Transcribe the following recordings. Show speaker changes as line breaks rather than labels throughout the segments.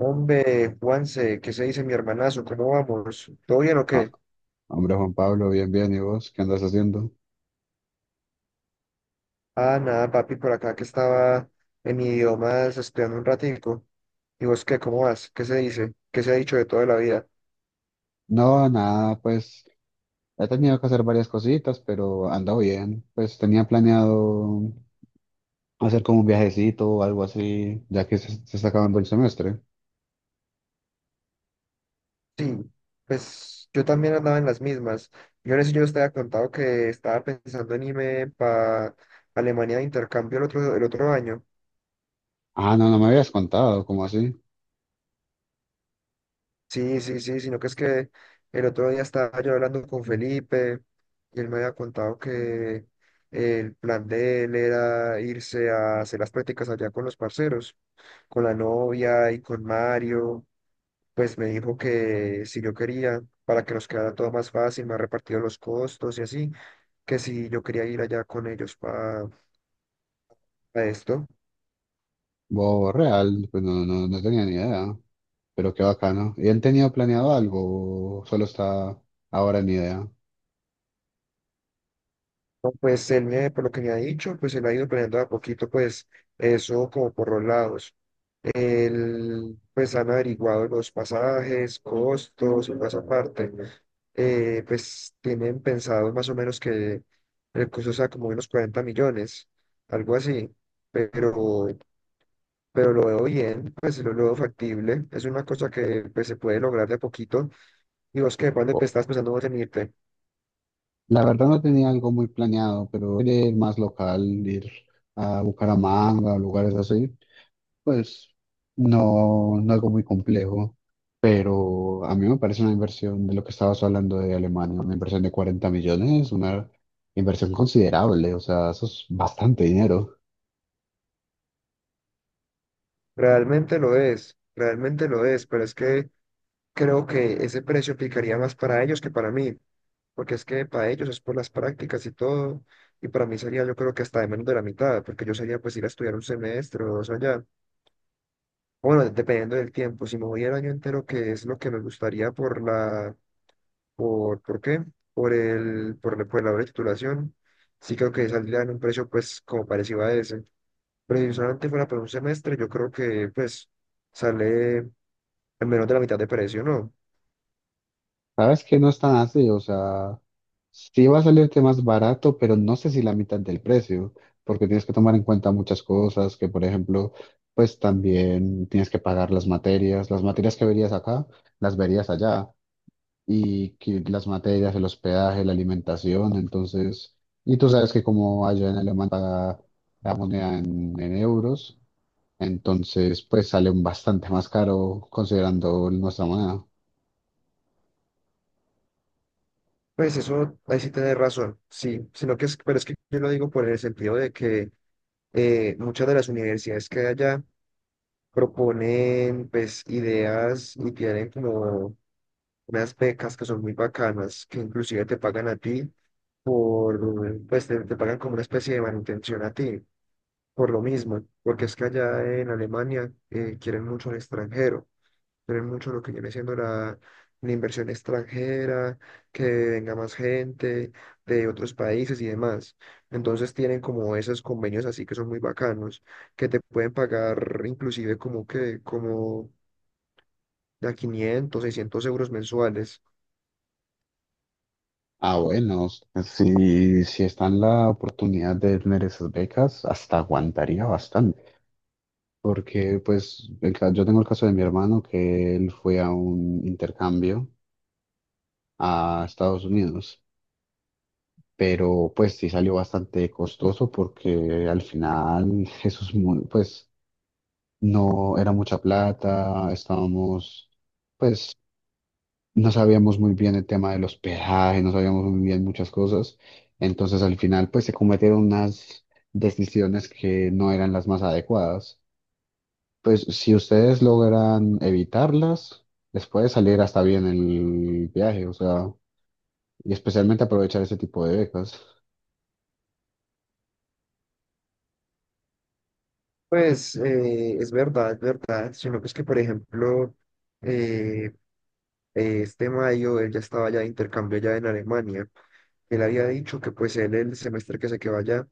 Hombre, Juanse, ¿qué se dice mi hermanazo? ¿Cómo vamos? ¿Todo bien o
Ah,
qué?
hombre, Juan Pablo, bien, bien. ¿Y vos qué andas haciendo?
Ah, nada, papi, por acá que estaba en idiomas estudiando un ratico. ¿Y vos qué? ¿Cómo vas? ¿Qué se dice? ¿Qué se ha dicho de toda la vida?
No, nada, pues he tenido que hacer varias cositas, pero ando bien. Pues tenía planeado hacer como un viajecito o algo así, ya que se está acabando el semestre.
Sí, pues yo también andaba en las mismas. Yo os había contado que estaba pensando en irme para Alemania de intercambio el otro año.
Ah, no, no me habías contado, ¿cómo así?
Sí, sí, sí, sino que es que el otro día estaba yo hablando con Felipe y él me había contado que el plan de él era irse a hacer las prácticas allá con los parceros, con la novia y con Mario. Pues me dijo que si yo quería, para que nos quedara todo más fácil, me ha repartido los costos y así, que si yo quería ir allá con ellos para esto.
Bo, real, pues no tenía ni idea, pero qué bacano. ¿Y han tenido planeado algo o solo está ahora en idea?
No, pues por lo que me ha dicho, pues él ha ido planeando de a poquito, pues eso como por los lados. Pues han averiguado los pasajes, costos y toda esa parte. Pues tienen pensado más o menos que el costo sea como unos 40 millones, algo así. Pero, pero lo veo bien, pues lo veo factible. Es una cosa que, pues, se puede lograr de a poquito. Y vos que de pronto,
O-
pues, estás pensando vos en irte.
La verdad no tenía algo muy planeado, pero quería ir más local, ir a Bucaramanga o lugares así. Pues no algo muy complejo, pero a mí me parece una inversión de lo que estabas hablando de Alemania, una inversión de 40 millones, una inversión considerable, o sea, eso es bastante dinero.
Realmente lo es, pero es que creo que ese precio aplicaría más para ellos que para mí. Porque es que para ellos es por las prácticas y todo, y para mí sería, yo creo que hasta de menos de la mitad, porque yo sería pues ir a estudiar un semestre o dos allá. Bueno, dependiendo del tiempo, si me voy el año entero, que es lo que me gustaría ¿por qué? Por la hora de titulación, sí creo que saldría en un precio pues como parecido a ese. Pero si solamente fuera por un semestre, yo creo que pues sale en menos de la mitad de precio, ¿no?
Sabes que no es tan así, o sea, sí va a salirte más barato, pero no sé si la mitad del precio, porque tienes que tomar en cuenta muchas cosas, que por ejemplo, pues también tienes que pagar las materias que verías acá, las verías allá y que las materias, el hospedaje, la alimentación, entonces, y tú sabes que como allá en Alemania paga la moneda en euros, entonces pues sale un bastante más caro considerando nuestra moneda.
Pues eso, ahí sí tenés razón, sí, sino que es, pero es que yo lo digo por el sentido de que muchas de las universidades que hay allá proponen pues ideas y tienen como unas becas que son muy bacanas, que inclusive te pagan a ti por, te pagan como una especie de manutención a ti, por lo mismo, porque es que allá en Alemania quieren mucho al extranjero, tener mucho lo que viene siendo la inversión extranjera, que venga más gente de otros países y demás. Entonces tienen como esos convenios así que son muy bacanos, que te pueden pagar inclusive como de 500 600 euros mensuales.
Ah, bueno, si está en la oportunidad de tener esas becas, hasta aguantaría bastante. Porque, pues, yo tengo el caso de mi hermano que él fue a un intercambio a Estados Unidos. Pero pues sí salió bastante costoso porque al final eso es muy, pues no era mucha plata, estábamos, pues no sabíamos muy bien el tema de los peajes, no sabíamos muy bien muchas cosas, entonces al final pues se cometieron unas decisiones que no eran las más adecuadas. Pues si ustedes logran evitarlas, les puede salir hasta bien el viaje, o sea, y especialmente aprovechar ese tipo de becas.
Pues es verdad, sino que es que, por ejemplo, eh, este mayo él ya estaba ya de intercambio ya en Alemania. Él había dicho que pues él el semestre que se quedó allá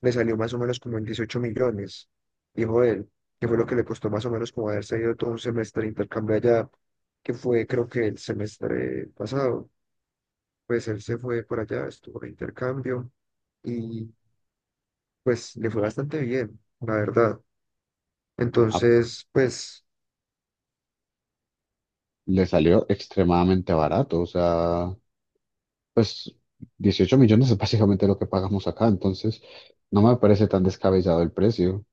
le salió más o menos como en 18 millones, dijo él, que fue lo que le costó más o menos como haberse ido todo un semestre de intercambio allá, que fue creo que el semestre pasado. Pues él se fue por allá, estuvo de intercambio y pues le fue bastante bien, la verdad. Entonces, pues
Le salió extremadamente barato, o sea, pues 18 millones es básicamente lo que pagamos acá, entonces no me parece tan descabellado el precio.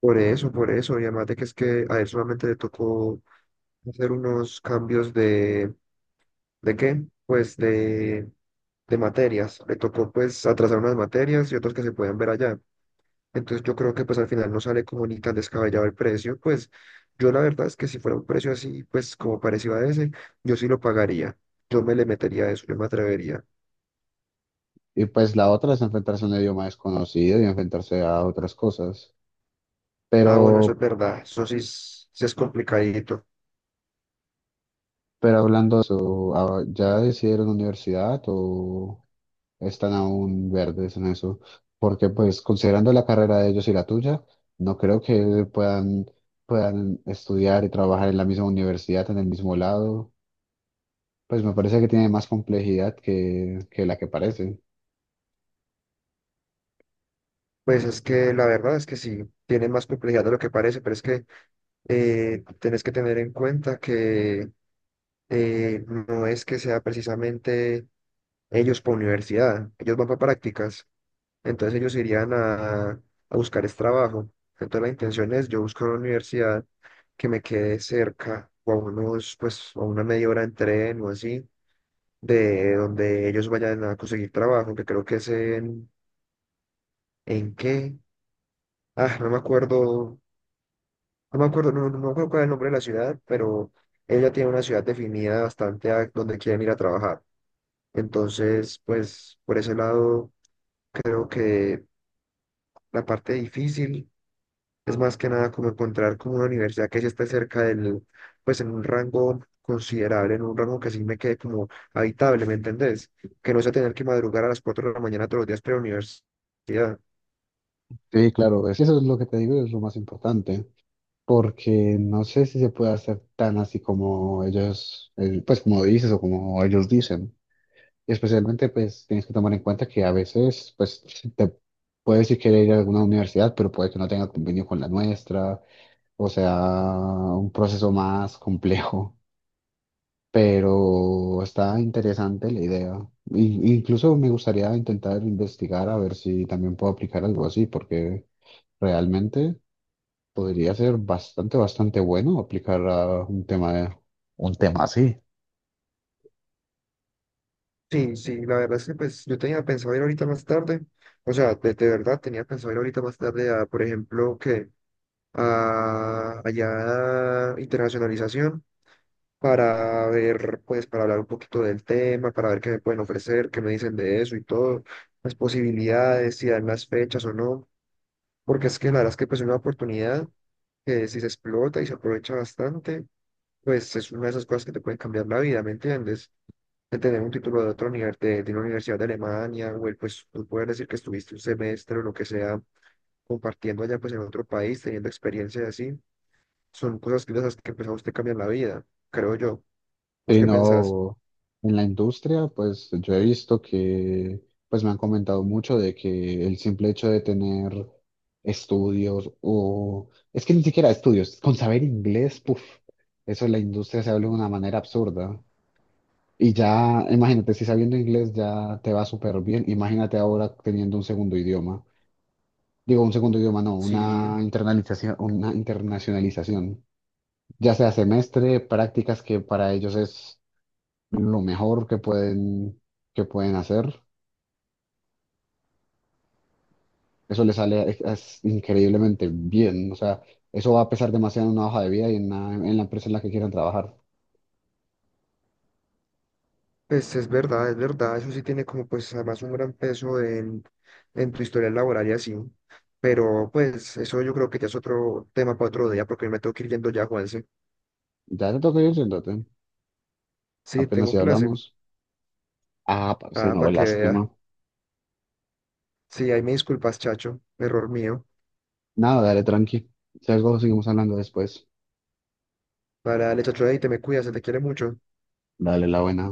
por eso, y además de que es que a él solamente le tocó hacer unos cambios de ¿de qué? Pues de, materias. Le tocó pues atrasar unas materias y otras que se pueden ver allá. Entonces yo creo que pues al final no sale como ni tan descabellado el precio. Pues yo la verdad es que si fuera un precio así, pues como parecido a ese, yo sí lo pagaría. Yo me le metería a eso, yo me atrevería.
Y pues la otra es enfrentarse a un idioma desconocido y enfrentarse a otras cosas.
Ah, bueno, eso es
Pero,
verdad. Eso sí es complicadito.
pero hablando de eso, ah, ¿ya decidieron universidad o están aún verdes en eso? Porque pues considerando la carrera de ellos y la tuya, no creo que puedan estudiar y trabajar en la misma universidad, en el mismo lado. Pues me parece que tiene más complejidad que la que parece.
Pues es que la verdad es que sí, tiene más complejidad de lo que parece, pero es que tenés que tener en cuenta que no es que sea precisamente ellos por universidad, ellos van para prácticas, entonces ellos irían a buscar es trabajo. Entonces la intención es yo buscar una universidad que me quede cerca o a unos, pues a una media hora en tren o así, de donde ellos vayan a conseguir trabajo, que creo que es ¿en qué? Ah, no me acuerdo, no me acuerdo, no, no me acuerdo cuál es el nombre de la ciudad, pero ella tiene una ciudad definida bastante a donde quieren ir a trabajar. Entonces, pues por ese lado creo que la parte difícil es más que nada como encontrar como una universidad que sí esté cerca del, pues en un rango considerable, en un rango que sí me quede como habitable, ¿me entendés? Que no sea tener que madrugar a las 4 de la mañana todos los días para la universidad.
Sí, claro, es, eso es lo que te digo, es lo más importante, porque no sé si se puede hacer tan así como ellos, pues como dices o como ellos dicen. Y especialmente, pues tienes que tomar en cuenta que a veces, pues si te puedes si querer ir a alguna universidad, pero puede que no tenga convenio con la nuestra, o sea, un proceso más complejo. Pero está interesante la idea. Incluso me gustaría intentar investigar a ver si también puedo aplicar algo así, porque realmente podría ser bastante bueno aplicar a un tema así.
Sí, sí, la verdad es que pues yo tenía pensado ir ahorita más tarde, o sea, de verdad tenía pensado ir ahorita más tarde a, por ejemplo, que a allá a internacionalización para ver, pues, para hablar un poquito del tema, para ver qué me pueden ofrecer, qué me dicen de eso y todo, las posibilidades, si dan las fechas o no, porque es que la verdad es que pues es una oportunidad que si se explota y se aprovecha bastante, pues es una de esas cosas que te pueden cambiar la vida, ¿me entiendes? De tener un título de de una universidad de Alemania, o el, pues tú puedes decir que estuviste un semestre o lo que sea, compartiendo allá pues en otro país, teniendo experiencias así, son cosas que, de esas que pues a usted cambian la vida, creo yo. ¿Vos
Sí,
qué pensás?
no, en la industria, pues yo he visto que, pues me han comentado mucho de que el simple hecho de tener estudios o, es que ni siquiera estudios, con saber inglés, puf, eso en la industria se habla de una manera absurda. Y ya, imagínate, si sabiendo inglés ya te va súper bien, imagínate ahora teniendo un segundo idioma. Digo, un segundo idioma, no,
Sí.
una internalización, una internacionalización. Ya sea semestre, prácticas que para ellos es lo mejor que que pueden hacer. Eso es increíblemente bien. O sea, eso va a pesar demasiado en una hoja de vida y en en la empresa en la que quieran trabajar.
Pues es verdad, eso sí tiene como pues además un gran peso en tu historia laboral y así, pero pues eso yo creo que ya es otro tema para otro día porque me tengo que ir yendo ya, Juanse.
Ya te toca ir, siéntate.
Sí,
Apenas si
tengo clase.
hablamos. Ah, parce,
Ah,
no,
para que vea.
lástima.
Sí, ahí me disculpas, chacho, error mío.
Nada, dale tranqui. Si algo seguimos hablando después.
Para el chacho, ahí te me cuidas, se te quiere mucho.
Dale la buena.